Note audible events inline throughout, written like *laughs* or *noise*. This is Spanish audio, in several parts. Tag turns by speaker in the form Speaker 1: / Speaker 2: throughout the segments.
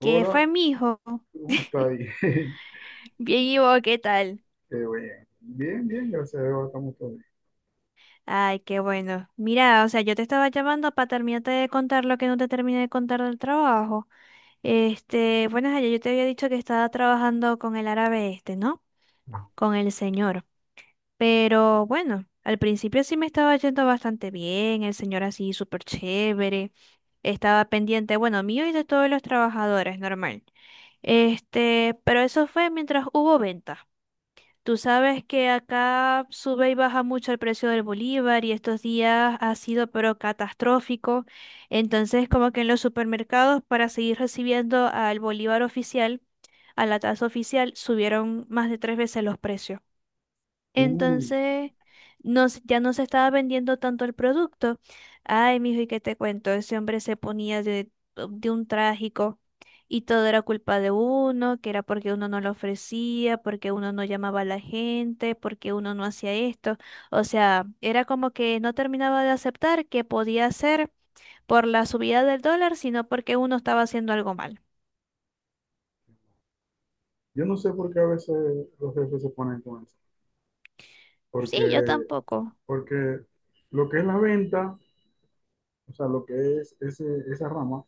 Speaker 1: ¿Qué fue, mi hijo?
Speaker 2: ¿cómo está ahí? *laughs* Qué
Speaker 1: Bien, ¿y vos qué tal?
Speaker 2: bien. Bien, gracias a Dios, estamos todos bien.
Speaker 1: Ay, qué bueno. Mira, o sea, yo te estaba llamando para terminarte de contar lo que no te terminé de contar del trabajo. Bueno, ayer yo te había dicho que estaba trabajando con el árabe este, ¿no? Con el señor. Pero bueno, al principio sí me estaba yendo bastante bien, el señor así súper chévere. Estaba pendiente, bueno, mío y de todos los trabajadores, normal. Pero eso fue mientras hubo venta. Tú sabes que acá sube y baja mucho el precio del bolívar y estos días ha sido pero catastrófico. Entonces, como que en los supermercados, para seguir recibiendo al bolívar oficial, a la tasa oficial, subieron más de 3 veces los precios.
Speaker 2: Uy,
Speaker 1: Entonces, no, ya no se estaba vendiendo tanto el producto. Ay, mijo, ¿y qué te cuento? Ese hombre se ponía de, oh, de un trágico y todo era culpa de uno, que era porque uno no lo ofrecía, porque uno no llamaba a la gente, porque uno no hacía esto. O sea, era como que no terminaba de aceptar que podía ser por la subida del dólar, sino porque uno estaba haciendo algo mal.
Speaker 2: yo no sé por qué a veces los jefes se ponen con eso.
Speaker 1: Sí, yo
Speaker 2: Porque,
Speaker 1: tampoco.
Speaker 2: porque lo que es la venta, o sea, lo que es ese, esa rama,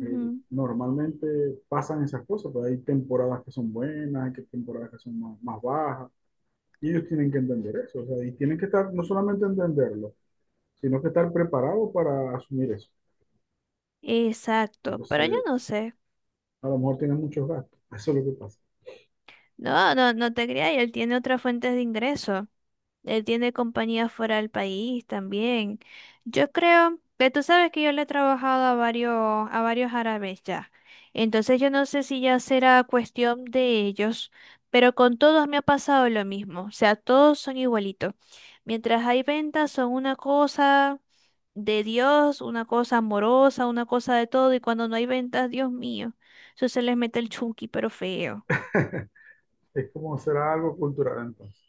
Speaker 2: normalmente pasan esas cosas, pero hay temporadas que son buenas, temporadas que son más, más bajas, y ellos tienen que entender eso, o sea, y tienen que estar, no solamente entenderlo, sino que estar preparados para asumir eso.
Speaker 1: Exacto, pero yo
Speaker 2: Entonces,
Speaker 1: no sé.
Speaker 2: a lo mejor tienen muchos gastos, eso es lo que pasa.
Speaker 1: No, no, no te creas, y él tiene otras fuentes de ingreso. Él tiene compañías fuera del país también. Yo creo que tú sabes que yo le he trabajado a varios árabes ya. Entonces yo no sé si ya será cuestión de ellos, pero con todos me ha pasado lo mismo. O sea, todos son igualitos. Mientras hay ventas, son una cosa de Dios, una cosa amorosa, una cosa de todo, y cuando no hay ventas, Dios mío, eso se les mete el chunky, pero feo.
Speaker 2: Es como será algo cultural entonces.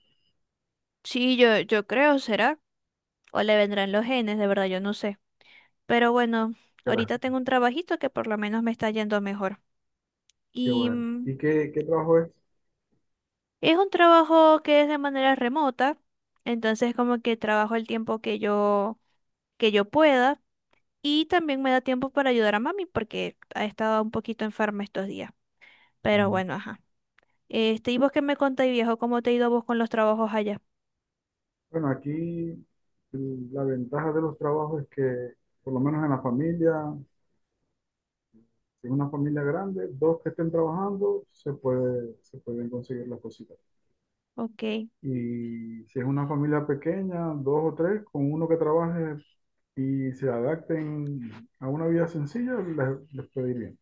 Speaker 1: Sí, yo creo, será. O le vendrán los genes, de verdad, yo no sé. Pero bueno,
Speaker 2: Que la-
Speaker 1: ahorita tengo un trabajito que por lo menos me está yendo mejor.
Speaker 2: qué
Speaker 1: Y
Speaker 2: bueno. ¿Y qué trabajo es?
Speaker 1: es un trabajo que es de manera remota, entonces como que trabajo el tiempo que que yo pueda. Y también me da tiempo para ayudar a mami porque ha estado un poquito enferma estos días. Pero
Speaker 2: Mm.
Speaker 1: bueno, ajá. Este, ¿y vos qué me contáis, viejo? ¿Cómo te ha ido a vos con los trabajos allá?
Speaker 2: Bueno, aquí la ventaja de los trabajos es que, por lo menos en la familia, si es una familia grande, dos que estén trabajando, se pueden conseguir las cositas.
Speaker 1: Ok,
Speaker 2: Y si es una familia pequeña, dos o tres, con uno que trabaje y se adapten a una vida sencilla, les puede ir bien.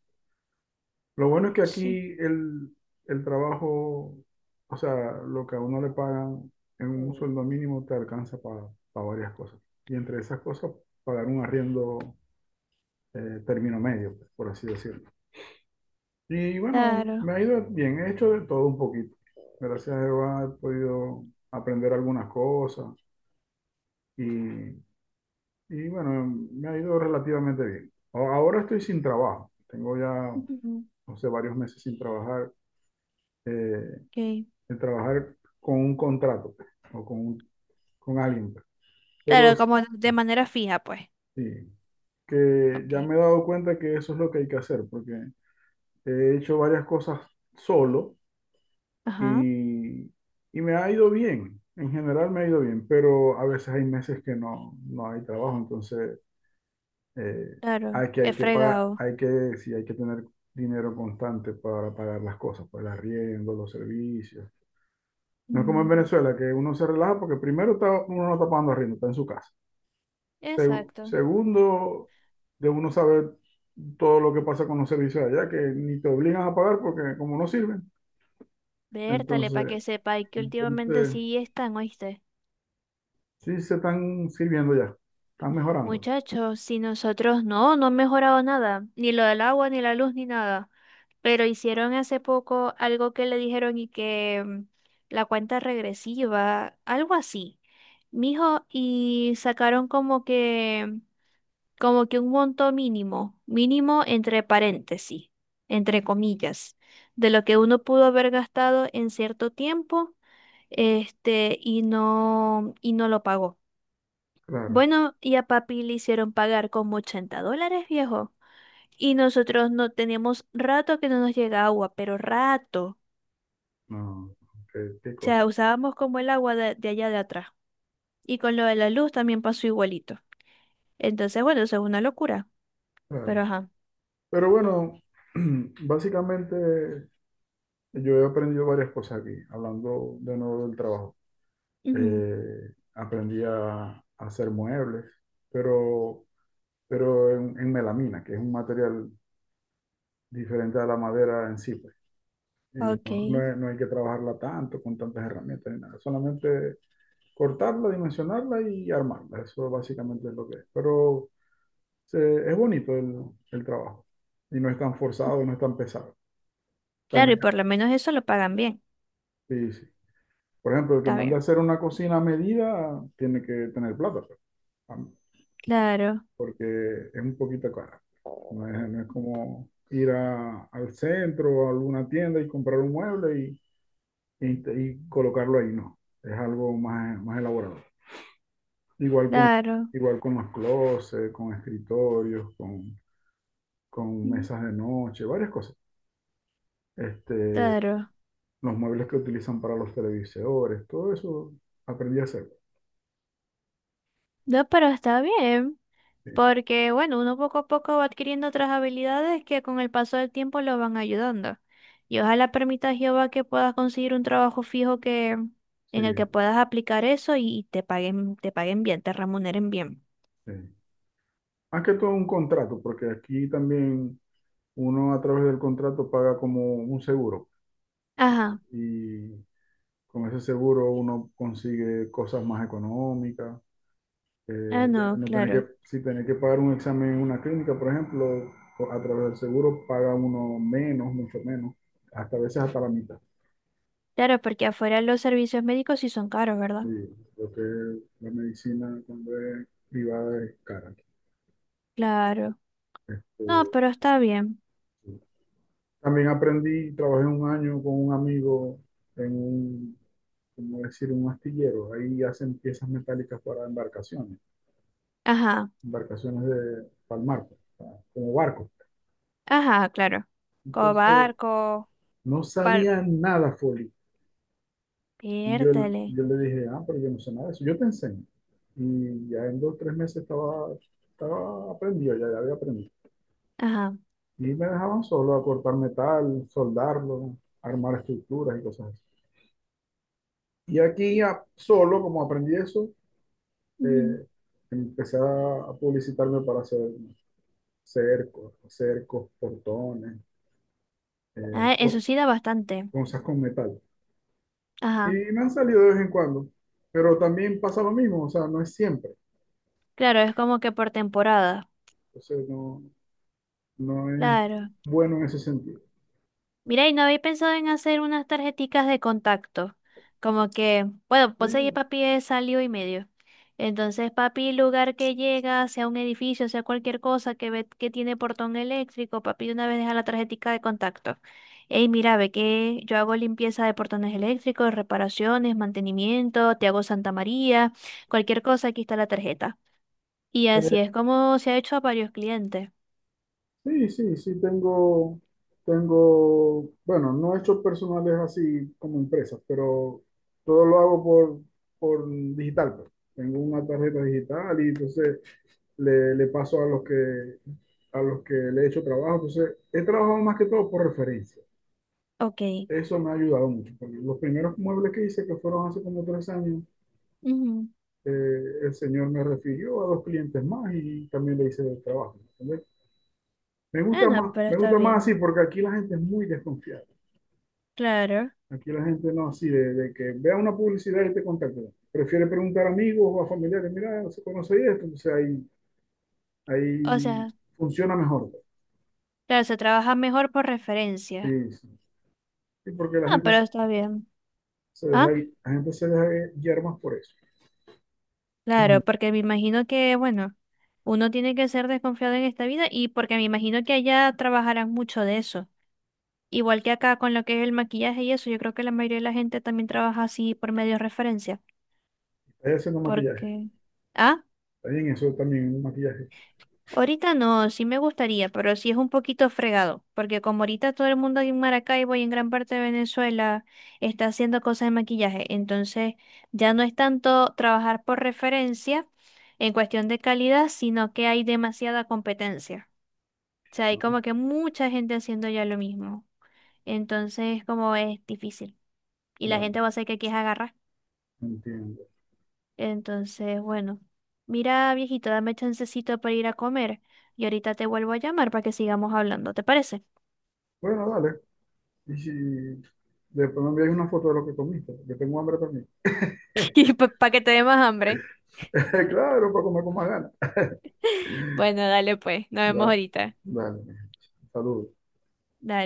Speaker 2: Lo bueno es que
Speaker 1: sí,
Speaker 2: el trabajo, o sea, lo que a uno le pagan en un sueldo mínimo te alcanza para varias cosas. Y entre esas cosas, pagar un arriendo, término medio, pues, por así decirlo. Y bueno, me
Speaker 1: claro.
Speaker 2: ha ido bien, he hecho de todo un poquito. Gracias a Jehová he podido aprender algunas cosas y, y bueno, me ha ido relativamente bien. Ahora estoy sin trabajo, tengo
Speaker 1: *laughs*
Speaker 2: ya,
Speaker 1: Ujú.
Speaker 2: no sé, varios meses sin trabajar. Eh,
Speaker 1: Ok.
Speaker 2: de trabajar con un contrato o con, con alguien. Pero
Speaker 1: Claro, como de manera fija, pues.
Speaker 2: sí, que
Speaker 1: Ok.
Speaker 2: ya me he dado cuenta que eso es lo que hay que hacer, porque he hecho varias cosas solo
Speaker 1: Ajá,
Speaker 2: y, y me ha ido bien. En general me ha ido bien, pero a veces hay meses que no hay trabajo, entonces eh,
Speaker 1: claro, he
Speaker 2: hay que pagar,
Speaker 1: fregado.
Speaker 2: sí, hay que tener dinero constante para pagar las cosas, para el arriendo, los servicios. No es como en
Speaker 1: Mm.
Speaker 2: Venezuela, que uno se relaja porque uno no está pagando arriendo, está en su casa.
Speaker 1: Exacto.
Speaker 2: Segundo, de uno saber todo lo que pasa con los servicios allá, que ni te obligan a pagar porque como no sirven,
Speaker 1: Vértale para
Speaker 2: entonces,
Speaker 1: que sepa y que últimamente
Speaker 2: entonces
Speaker 1: sí están, ¿oíste?
Speaker 2: sí se están sirviendo ya, están mejorando,
Speaker 1: Muchachos, si nosotros no han mejorado nada, ni lo del agua, ni la luz, ni nada. Pero hicieron hace poco algo que le dijeron y que la cuenta regresiva, algo así. Mijo, y sacaron como que un monto mínimo, mínimo entre paréntesis, entre comillas, de lo que uno pudo haber gastado en cierto tiempo, y y no lo pagó.
Speaker 2: claro,
Speaker 1: Bueno, y a papi le hicieron pagar como $80, viejo. Y nosotros no teníamos rato que no nos llega agua, pero rato.
Speaker 2: no, qué
Speaker 1: O sea,
Speaker 2: cosa,
Speaker 1: usábamos como el agua de allá de atrás. Y con lo de la luz también pasó igualito. Entonces, bueno, eso es una locura. Pero
Speaker 2: claro.
Speaker 1: ajá.
Speaker 2: Pero bueno, *clears throat* básicamente yo he aprendido varias cosas aquí, hablando de nuevo del trabajo.
Speaker 1: Ujú.
Speaker 2: A hacer muebles, pero, pero en melamina, que es un material diferente a la madera en sí, pues. Y
Speaker 1: Ok.
Speaker 2: no, no hay que trabajarla tanto con tantas herramientas ni nada. Solamente cortarla, dimensionarla y armarla. Eso básicamente es lo que es. Pero es bonito el trabajo. Y no es tan forzado, no es tan pesado.
Speaker 1: Claro, y
Speaker 2: También,
Speaker 1: por lo menos eso lo pagan bien.
Speaker 2: sí, sí. Por ejemplo, el que
Speaker 1: Está
Speaker 2: manda a
Speaker 1: bien.
Speaker 2: hacer una cocina a medida tiene que tener plata, pues, am-
Speaker 1: Claro,
Speaker 2: porque es un poquito cara. No es como ir al centro o a alguna tienda y comprar un mueble y colocarlo ahí, no. Es algo más, más elaborado. Igual con,
Speaker 1: claro,
Speaker 2: igual con los closets, con escritorios, con
Speaker 1: mm,
Speaker 2: mesas de noche, varias cosas. Este,
Speaker 1: claro.
Speaker 2: los muebles que utilizan para los televisores, todo eso aprendí a hacer.
Speaker 1: No, pero está bien, porque bueno, uno poco a poco va adquiriendo otras habilidades que con el paso del tiempo lo van ayudando. Y ojalá permita a Jehová que puedas conseguir un trabajo fijo que
Speaker 2: Sí,
Speaker 1: en el que puedas aplicar eso y te paguen bien, te remuneren bien.
Speaker 2: sí. Más que todo un contrato, porque aquí también uno a través del contrato paga como un seguro
Speaker 1: Ajá.
Speaker 2: y con ese seguro uno consigue cosas más económicas,
Speaker 1: Ah,
Speaker 2: ya
Speaker 1: no,
Speaker 2: no tener
Speaker 1: claro.
Speaker 2: que, si tener que pagar un examen en una clínica, por ejemplo, o a través del seguro paga uno menos, mucho menos, hasta a veces hasta la mitad.
Speaker 1: Claro, porque afuera los servicios médicos sí son caros, ¿verdad?
Speaker 2: Sí, creo que la medicina cuando es privada es cara.
Speaker 1: Claro. No,
Speaker 2: Eh,
Speaker 1: pero está bien.
Speaker 2: sí. También aprendí, trabajé un año con un amigo en un, como decir, un astillero. Ahí hacen piezas metálicas para embarcaciones,
Speaker 1: Ajá.
Speaker 2: embarcaciones de, para el mar, pues, para- como barcos.
Speaker 1: Ajá, claro. Como
Speaker 2: Entonces,
Speaker 1: barco,
Speaker 2: no
Speaker 1: par...
Speaker 2: sabía nada, Foli. Y yo,
Speaker 1: Piértale.
Speaker 2: yo le dije, ah, pero yo no sé nada de eso, yo te enseño. Y ya en dos o tres meses estaba, estaba aprendido, ya, ya había aprendido.
Speaker 1: Ajá.
Speaker 2: Y me dejaban solo a cortar metal, soldarlo, armar estructuras y cosas así. Y aquí ya solo, como aprendí eso,
Speaker 1: Ujú.
Speaker 2: eh, empecé a publicitarme para hacer cercos, cercos, portones, eh,
Speaker 1: Ah, eso
Speaker 2: co-
Speaker 1: sí da bastante.
Speaker 2: cosas con metal. Y
Speaker 1: Ajá.
Speaker 2: me han salido de vez en cuando, pero también pasa lo mismo, o sea, no es siempre.
Speaker 1: Claro, es como que por temporada.
Speaker 2: Entonces, no, no es
Speaker 1: Claro.
Speaker 2: bueno en ese sentido.
Speaker 1: Mira, y no había pensado en hacer unas tarjeticas de contacto. Como que, bueno, pues ahí
Speaker 2: Sí,
Speaker 1: papi es salió y medio. Entonces, papi, lugar que llega, sea un edificio, sea cualquier cosa que ve que tiene portón eléctrico, papi de una vez deja la tarjetica de contacto. Ey, mira, ve que yo hago limpieza de portones eléctricos, reparaciones, mantenimiento, te hago Santa María, cualquier cosa, aquí está la tarjeta. Y así
Speaker 2: eh,
Speaker 1: es como se ha hecho a varios clientes.
Speaker 2: sí, tengo, bueno, no he hecho personales así como empresas, pero todo lo hago por digital, pues. Tengo una tarjeta digital y entonces le paso a a los que le he hecho trabajo. Entonces, he trabajado más que todo por referencia.
Speaker 1: Ok.
Speaker 2: Eso me ha ayudado mucho, porque los primeros muebles que hice, que fueron hace como tres años,
Speaker 1: Ujú.
Speaker 2: eh, el señor me refirió a dos clientes más y también le hice el trabajo. ¿Entendés?
Speaker 1: Ah, no, pero
Speaker 2: Me
Speaker 1: está
Speaker 2: gusta más así
Speaker 1: bien.
Speaker 2: porque aquí la gente es muy desconfiada.
Speaker 1: Claro.
Speaker 2: Aquí la gente no así de que vea una publicidad y te contacta. Prefiere preguntar a amigos o a familiares, mira, se conoce esto,
Speaker 1: O
Speaker 2: ahí
Speaker 1: sea,
Speaker 2: funciona mejor.
Speaker 1: claro, se trabaja mejor por referencia.
Speaker 2: Sí, sí. Sí, porque la
Speaker 1: Ah,
Speaker 2: gente
Speaker 1: pero está bien.
Speaker 2: se deja,
Speaker 1: Ah,
Speaker 2: la gente se deja guiar más por eso.
Speaker 1: claro,
Speaker 2: *clears throat*
Speaker 1: porque me imagino que, bueno, uno tiene que ser desconfiado en esta vida y porque me imagino que allá trabajarán mucho de eso. Igual que acá con lo que es el maquillaje y eso, yo creo que la mayoría de la gente también trabaja así por medio de referencia.
Speaker 2: Está haciendo maquillaje.
Speaker 1: Porque... Ah.
Speaker 2: También eso también un maquillaje.
Speaker 1: Ahorita no, sí me gustaría, pero sí es un poquito fregado, porque como ahorita todo el mundo en Maracaibo y en gran parte de Venezuela está haciendo cosas de maquillaje, entonces ya no es tanto trabajar por referencia en cuestión de calidad, sino que hay demasiada competencia. O sea, hay
Speaker 2: No,
Speaker 1: como que mucha gente haciendo ya lo mismo. Entonces, como es difícil. Y la
Speaker 2: no,
Speaker 1: gente va a hacer que aquí es agarrar.
Speaker 2: no entiendo.
Speaker 1: Entonces, bueno, mira, viejito, dame chancecito para ir a comer y ahorita te vuelvo a llamar para que sigamos hablando, ¿te parece?
Speaker 2: Bueno, dale. Y si después me enviáis una foto de lo que comiste, yo tengo hambre también.
Speaker 1: *laughs* Y
Speaker 2: *laughs*
Speaker 1: para que te dé más hambre.
Speaker 2: Claro, para comer con más ganas.
Speaker 1: Bueno, dale pues, nos vemos
Speaker 2: Da-
Speaker 1: ahorita.
Speaker 2: Dale, mi gente. Saludos.
Speaker 1: Dale.